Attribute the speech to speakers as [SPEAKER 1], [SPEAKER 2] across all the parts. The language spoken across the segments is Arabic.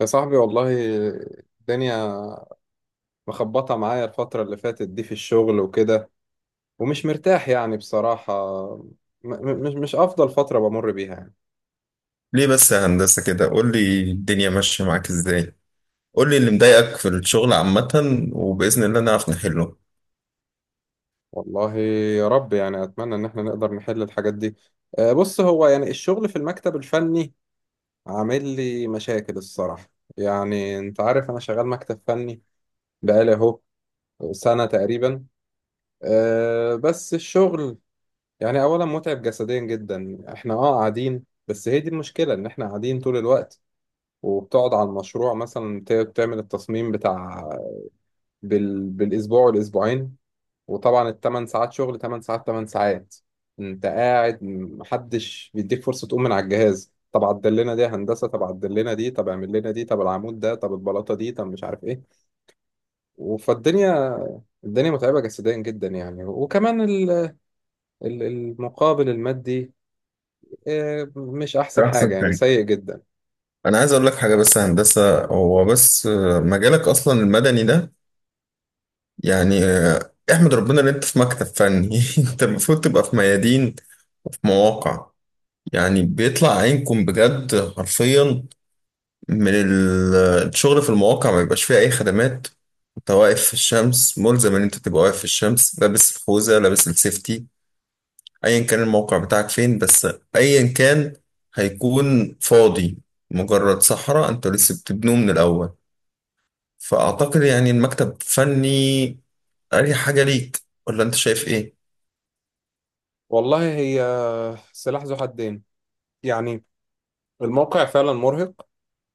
[SPEAKER 1] يا صاحبي والله، الدنيا مخبطة معايا الفترة اللي فاتت دي في الشغل وكده، ومش مرتاح يعني بصراحة. م- مش أفضل فترة بمر بيها يعني.
[SPEAKER 2] ليه بس يا هندسة كده؟ قول لي الدنيا ماشية معاك ازاي، قول لي اللي مضايقك في الشغل عامة، وبإذن الله نعرف نحله.
[SPEAKER 1] والله يا رب، يعني أتمنى إن احنا نقدر نحل الحاجات دي. آه، بص، هو يعني الشغل في المكتب الفني عامل لي مشاكل الصراحة. يعني أنت عارف أنا شغال مكتب فني بقالي أهو سنة تقريبا. بس الشغل يعني اولا متعب جسديا جدا. احنا قاعدين، بس هي دي المشكله، ان احنا قاعدين طول الوقت. وبتقعد على المشروع مثلا، بتعمل التصميم بتاع بالاسبوع والاسبوعين. وطبعا الثمان ساعات شغل، 8 ساعات 8 ساعات. انت قاعد، محدش بيديك فرصه تقوم من على الجهاز. طب عدل لنا دي يا هندسه، طب عدل لنا دي، طب اعمل لنا دي، طب العمود ده، طب البلاطه دي، طب مش عارف ايه. فالدنيا الدنيا متعبه جسديا جدا يعني. وكمان المقابل المادي مش أحسن
[SPEAKER 2] ده
[SPEAKER 1] حاجة،
[SPEAKER 2] أحسن
[SPEAKER 1] يعني
[SPEAKER 2] حاجة.
[SPEAKER 1] سيء جدا.
[SPEAKER 2] أنا عايز أقول لك حاجة بس يا هندسة، هو بس مجالك أصلا المدني ده، يعني احمد ربنا إن أنت في مكتب فني. أنت المفروض تبقى في ميادين وفي مواقع، يعني بيطلع عينكم بجد حرفيا. من ال- الشغل في المواقع ما بيبقاش فيه أي خدمات، انت واقف في الشمس، ملزم ان انت تبقى واقف في الشمس لابس الخوذة لابس السيفتي، ايا كان الموقع بتاعك فين، بس ايا كان هيكون فاضي، مجرد صحراء انتوا لسه بتبنوه من الاول. فاعتقد يعني المكتب فني اريح حاجه ليك، ولا انت شايف ايه؟
[SPEAKER 1] والله هي سلاح ذو حدين يعني. الموقع فعلا مرهق،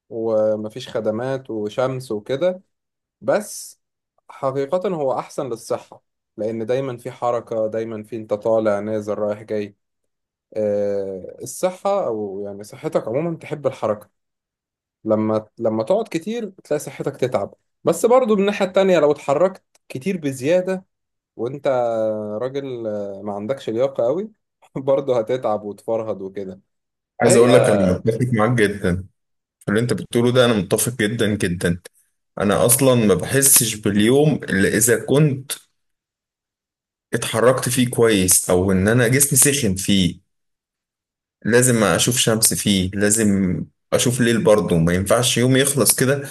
[SPEAKER 1] ومفيش خدمات وشمس وكده. بس حقيقة هو أحسن للصحة، لأن دايما في حركة، دايما في، أنت طالع نازل رايح جاي. الصحة، أو يعني صحتك عموما تحب الحركة. لما تقعد كتير تلاقي صحتك تتعب. بس برضو من الناحية التانية لو اتحركت كتير بزيادة، وانت راجل ما عندكش لياقة قوي، برضه هتتعب وتفرهد وكده.
[SPEAKER 2] عايز
[SPEAKER 1] فهي.
[SPEAKER 2] اقول لك انا متفق معاك جدا في اللي انت بتقوله ده، انا متفق جدا جدا. انا اصلا ما بحسش باليوم الا اذا كنت اتحركت فيه كويس، او ان انا جسمي سخن فيه، لازم اشوف شمس فيه، لازم اشوف ليل برضه، ما ينفعش يوم يخلص كده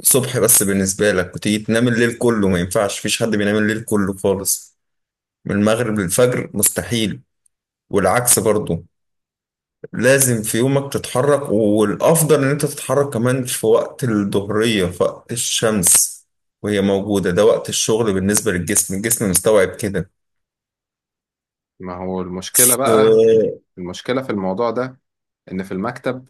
[SPEAKER 2] الصبح بس بالنسبة لك وتيجي تنام الليل كله، ما ينفعش، مفيش حد بينام الليل كله خالص من المغرب للفجر، مستحيل، والعكس برضو. لازم في يومك تتحرك، والأفضل إن أنت تتحرك كمان في وقت الظهرية، في وقت الشمس وهي موجودة، ده وقت الشغل بالنسبة للجسم، الجسم مستوعب كده.
[SPEAKER 1] ما هو المشكلة بقى،
[SPEAKER 2] آه،
[SPEAKER 1] المشكلة في الموضوع ده، ان في المكتب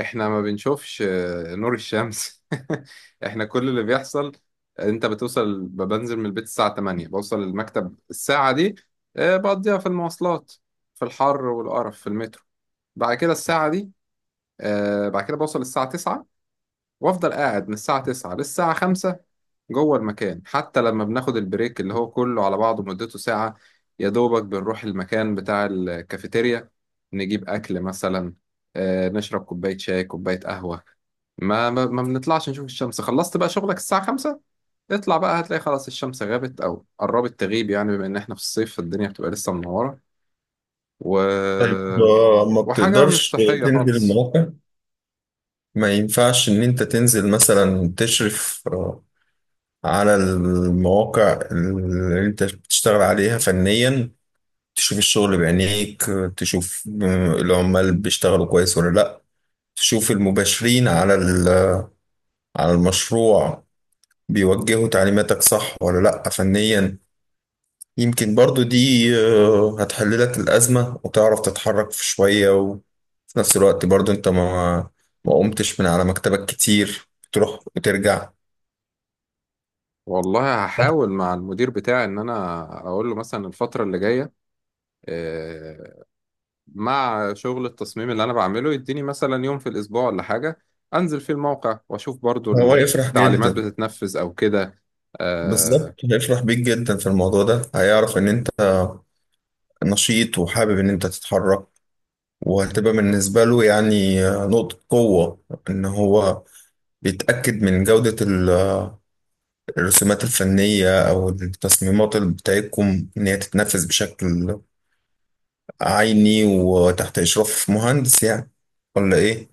[SPEAKER 1] احنا ما بنشوفش نور الشمس. احنا كل اللي بيحصل، انت بتوصل، بنزل من البيت الساعة 8، بوصل المكتب الساعة دي، بقضيها في المواصلات، في الحر والقرف في المترو. بعد كده الساعة دي، بعد كده بوصل الساعة 9، وافضل قاعد من الساعة 9 للساعة 5 جوه المكان. حتى لما بناخد البريك اللي هو كله على بعضه مدته ساعة، يا دوبك بنروح المكان بتاع الكافيتيريا نجيب أكل مثلا، نشرب كوباية شاي كوباية قهوة. ما بنطلعش نشوف الشمس. خلصت بقى شغلك الساعة 5، اطلع بقى هتلاقي خلاص الشمس غابت أو قربت تغيب، يعني بما إن إحنا في الصيف الدنيا بتبقى لسه منورة، و...
[SPEAKER 2] طيب، ما
[SPEAKER 1] وحاجة مش
[SPEAKER 2] بتقدرش
[SPEAKER 1] صحية
[SPEAKER 2] تنزل
[SPEAKER 1] خالص.
[SPEAKER 2] المواقع؟ ما ينفعش إن أنت تنزل مثلا تشرف على المواقع اللي انت بتشتغل عليها فنيا، تشوف الشغل بعينيك، تشوف العمال بيشتغلوا كويس ولا لا، تشوف المباشرين على المشروع بيوجهوا تعليماتك صح ولا لا فنيا. يمكن برضو دي هتحل لك الأزمة وتعرف تتحرك في شوية، وفي نفس الوقت برضو انت ما قمتش من على مكتبك كتير، تروح وترجع.
[SPEAKER 1] والله هحاول مع المدير بتاعي إن أنا أقول له مثلا الفترة اللي جاية، آه، مع شغل التصميم اللي انا بعمله، يديني مثلا يوم في الاسبوع ولا حاجه، انزل فيه الموقع واشوف برضو
[SPEAKER 2] هو يفرح
[SPEAKER 1] التعليمات
[SPEAKER 2] جدا،
[SPEAKER 1] بتتنفذ او كده.
[SPEAKER 2] بالظبط
[SPEAKER 1] آه،
[SPEAKER 2] هيفرح بيك جدا في الموضوع ده، هيعرف ان انت نشيط وحابب ان انت تتحرك، وهتبقى بالنسبة له يعني نقطة قوة، ان هو بيتأكد من جودة الرسومات الفنية او التصميمات اللي بتاعتكم ان هي تتنفذ بشكل عيني وتحت اشراف مهندس يعني، ولا ايه؟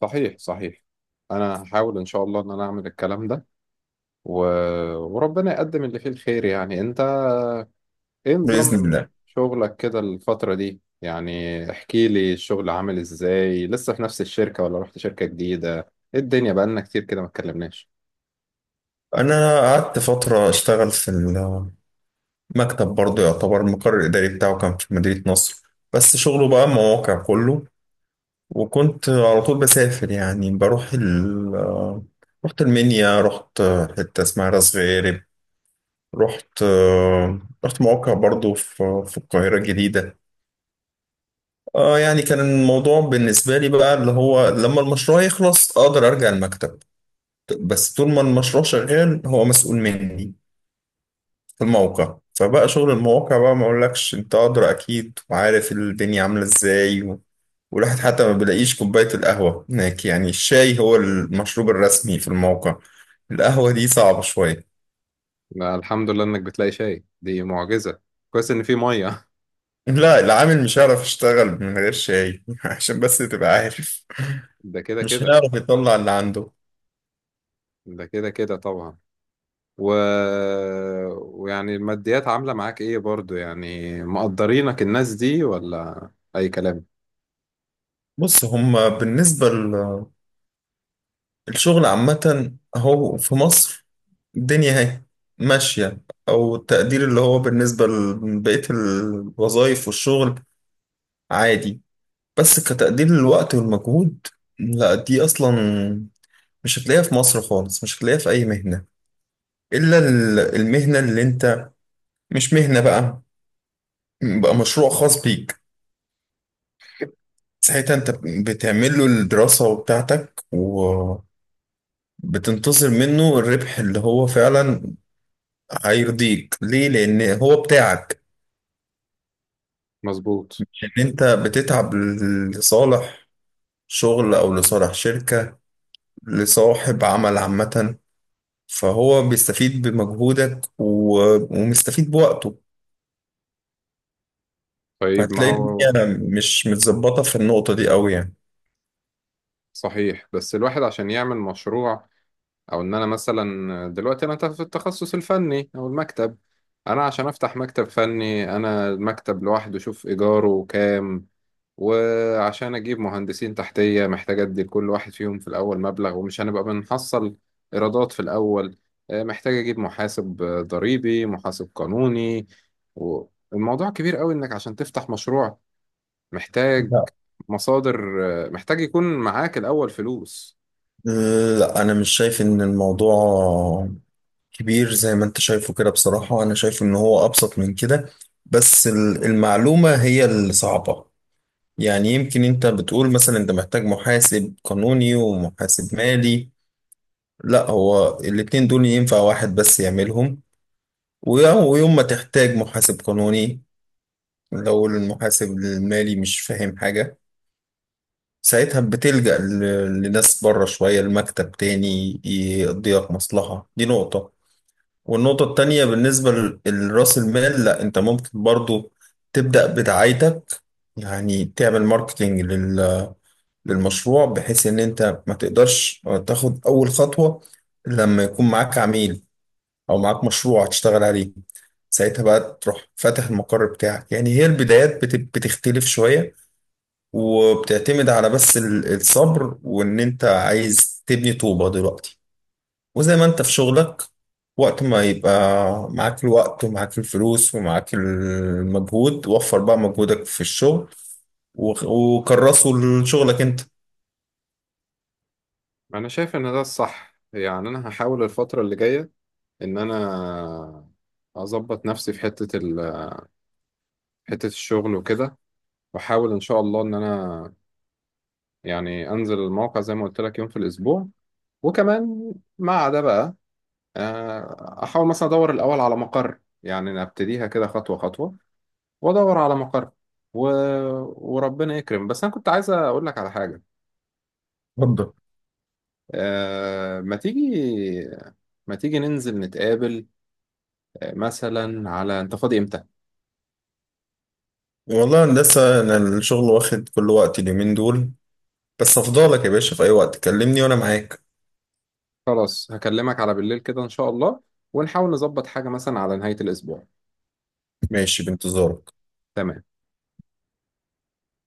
[SPEAKER 1] صحيح صحيح. انا هحاول ان شاء الله ان انا اعمل الكلام ده، و... وربنا يقدم اللي فيه الخير يعني. انت ايه
[SPEAKER 2] بإذن
[SPEAKER 1] نظام
[SPEAKER 2] الله.
[SPEAKER 1] شغلك كده الفتره دي؟ يعني احكي لي الشغل عامل ازاي. لسه في نفس الشركه ولا رحت شركه جديده؟ ايه الدنيا، بقالنا كتير كده ما اتكلمناش.
[SPEAKER 2] انا قعدت فترة اشتغل في مكتب برضه، يعتبر المقر الإداري بتاعه كان في مدينة نصر، بس شغله بقى مواقع كله، وكنت على طول بسافر، يعني بروح ال آه، رحت المنيا، رحت حتة اسمها راس غارب، رحت آه، رحت مواقع برضه في القاهرة الجديدة. اه يعني كان الموضوع بالنسبة لي بقى اللي هو لما المشروع يخلص أقدر أرجع المكتب، بس طول ما المشروع شغال هو مسؤول مني في الموقع. فبقى شغل المواقع بقى ما اقولكش، انت ادرى اكيد وعارف الدنيا عامله ازاي و... والواحد حتى ما بيلاقيش كوبايه القهوه هناك، يعني الشاي هو المشروب الرسمي في الموقع، القهوه دي صعبه شويه.
[SPEAKER 1] لا، الحمد لله انك بتلاقي شاي، دي معجزه. كويس ان في ميه
[SPEAKER 2] لا، العامل مش هيعرف يشتغل من غير شاي عشان بس تبقى عارف،
[SPEAKER 1] ده كده
[SPEAKER 2] مش
[SPEAKER 1] كده.
[SPEAKER 2] هيعرف يطلع اللي عنده.
[SPEAKER 1] ده كده كده طبعا. و... ويعني الماديات عاملة معاك ايه برضو؟ يعني مقدرينك الناس دي ولا اي كلام.
[SPEAKER 2] بص هما بالنسبه، الشغل عامة هو في مصر الدنيا اهي ماشية، أو التقدير اللي هو بالنسبة لبقية الوظائف والشغل عادي، بس كتقدير للوقت والمجهود لا، دي أصلا مش هتلاقيها في مصر خالص، مش هتلاقيها في أي مهنة، إلا المهنة اللي أنت، مش مهنة بقى، بقى مشروع خاص بيك، ساعتها أنت بتعمل له الدراسة بتاعتك، وبتنتظر منه الربح اللي هو فعلا هيرضيك، ليه؟ لان هو بتاعك،
[SPEAKER 1] مظبوط.
[SPEAKER 2] ان انت بتتعب لصالح شغل او لصالح شركة، لصاحب عمل عامة، فهو بيستفيد بمجهودك ومستفيد بوقته،
[SPEAKER 1] طيب ما
[SPEAKER 2] فهتلاقي
[SPEAKER 1] هو.
[SPEAKER 2] الدنيا مش متظبطة في النقطة دي قوي يعني.
[SPEAKER 1] صحيح، بس الواحد عشان يعمل مشروع، او ان انا مثلا دلوقتي انا في التخصص الفني او المكتب، انا عشان افتح مكتب فني، انا المكتب لوحده شوف ايجاره كام. وعشان اجيب مهندسين تحتيه محتاج ادي لكل واحد فيهم في الاول مبلغ، ومش هنبقى بنحصل ايرادات في الاول. محتاج اجيب محاسب ضريبي، محاسب قانوني. والموضوع كبير قوي، انك عشان تفتح مشروع محتاج
[SPEAKER 2] لا
[SPEAKER 1] مصادر، محتاج يكون معاك الاول فلوس.
[SPEAKER 2] لا انا مش شايف ان الموضوع كبير زي ما انت شايفه كده، بصراحة انا شايف ان هو ابسط من كده، بس المعلومة هي الصعبة. يعني يمكن انت بتقول مثلا انت محتاج محاسب قانوني ومحاسب مالي، لا هو الاتنين دول ينفع واحد بس يعملهم، ويوم ما تحتاج محاسب قانوني لو المحاسب المالي مش فاهم حاجة، ساعتها بتلجأ لناس بره شوية المكتب تاني يقضي لك مصلحة، دي نقطة. والنقطة التانية بالنسبة لرأس المال، لا انت ممكن برضو تبدأ بدعايتك، يعني تعمل ماركتينج للمشروع، بحيث ان انت ما تقدرش تاخد اول خطوة لما يكون معاك عميل او معاك مشروع تشتغل عليه، ساعتها بقى تروح فاتح المقر بتاعك. يعني هي البدايات بتختلف شوية، وبتعتمد على بس الصبر وان انت عايز تبني طوبة دلوقتي، وزي ما انت في شغلك وقت ما يبقى معاك الوقت ومعاك الفلوس ومعاك المجهود، وفر بقى مجهودك في الشغل وكرسه لشغلك انت.
[SPEAKER 1] انا شايف ان ده الصح. يعني انا هحاول الفتره اللي جايه ان انا اظبط نفسي في حته الشغل وكده. واحاول ان شاء الله ان انا يعني انزل الموقع زي ما قلت لك يوم في الاسبوع. وكمان مع ده بقى، احاول مثلا ادور الاول على مقر، يعني نبتديها كده خطوه خطوه، وادور على مقر، و... وربنا يكرم. بس انا كنت عايز اقول لك على حاجه.
[SPEAKER 2] اتفضل.
[SPEAKER 1] آه، ما تيجي ما تيجي ننزل نتقابل، مثلا. على، انت فاضي امتى؟
[SPEAKER 2] والله هندسة أنا الشغل واخد كل وقتي اليومين دول، بس أفضلك يا باشا، في أي وقت كلمني وأنا معاك.
[SPEAKER 1] خلاص هكلمك على بالليل كده ان شاء الله. ونحاول نظبط حاجه مثلا على نهايه الاسبوع.
[SPEAKER 2] ماشي، بانتظارك.
[SPEAKER 1] تمام.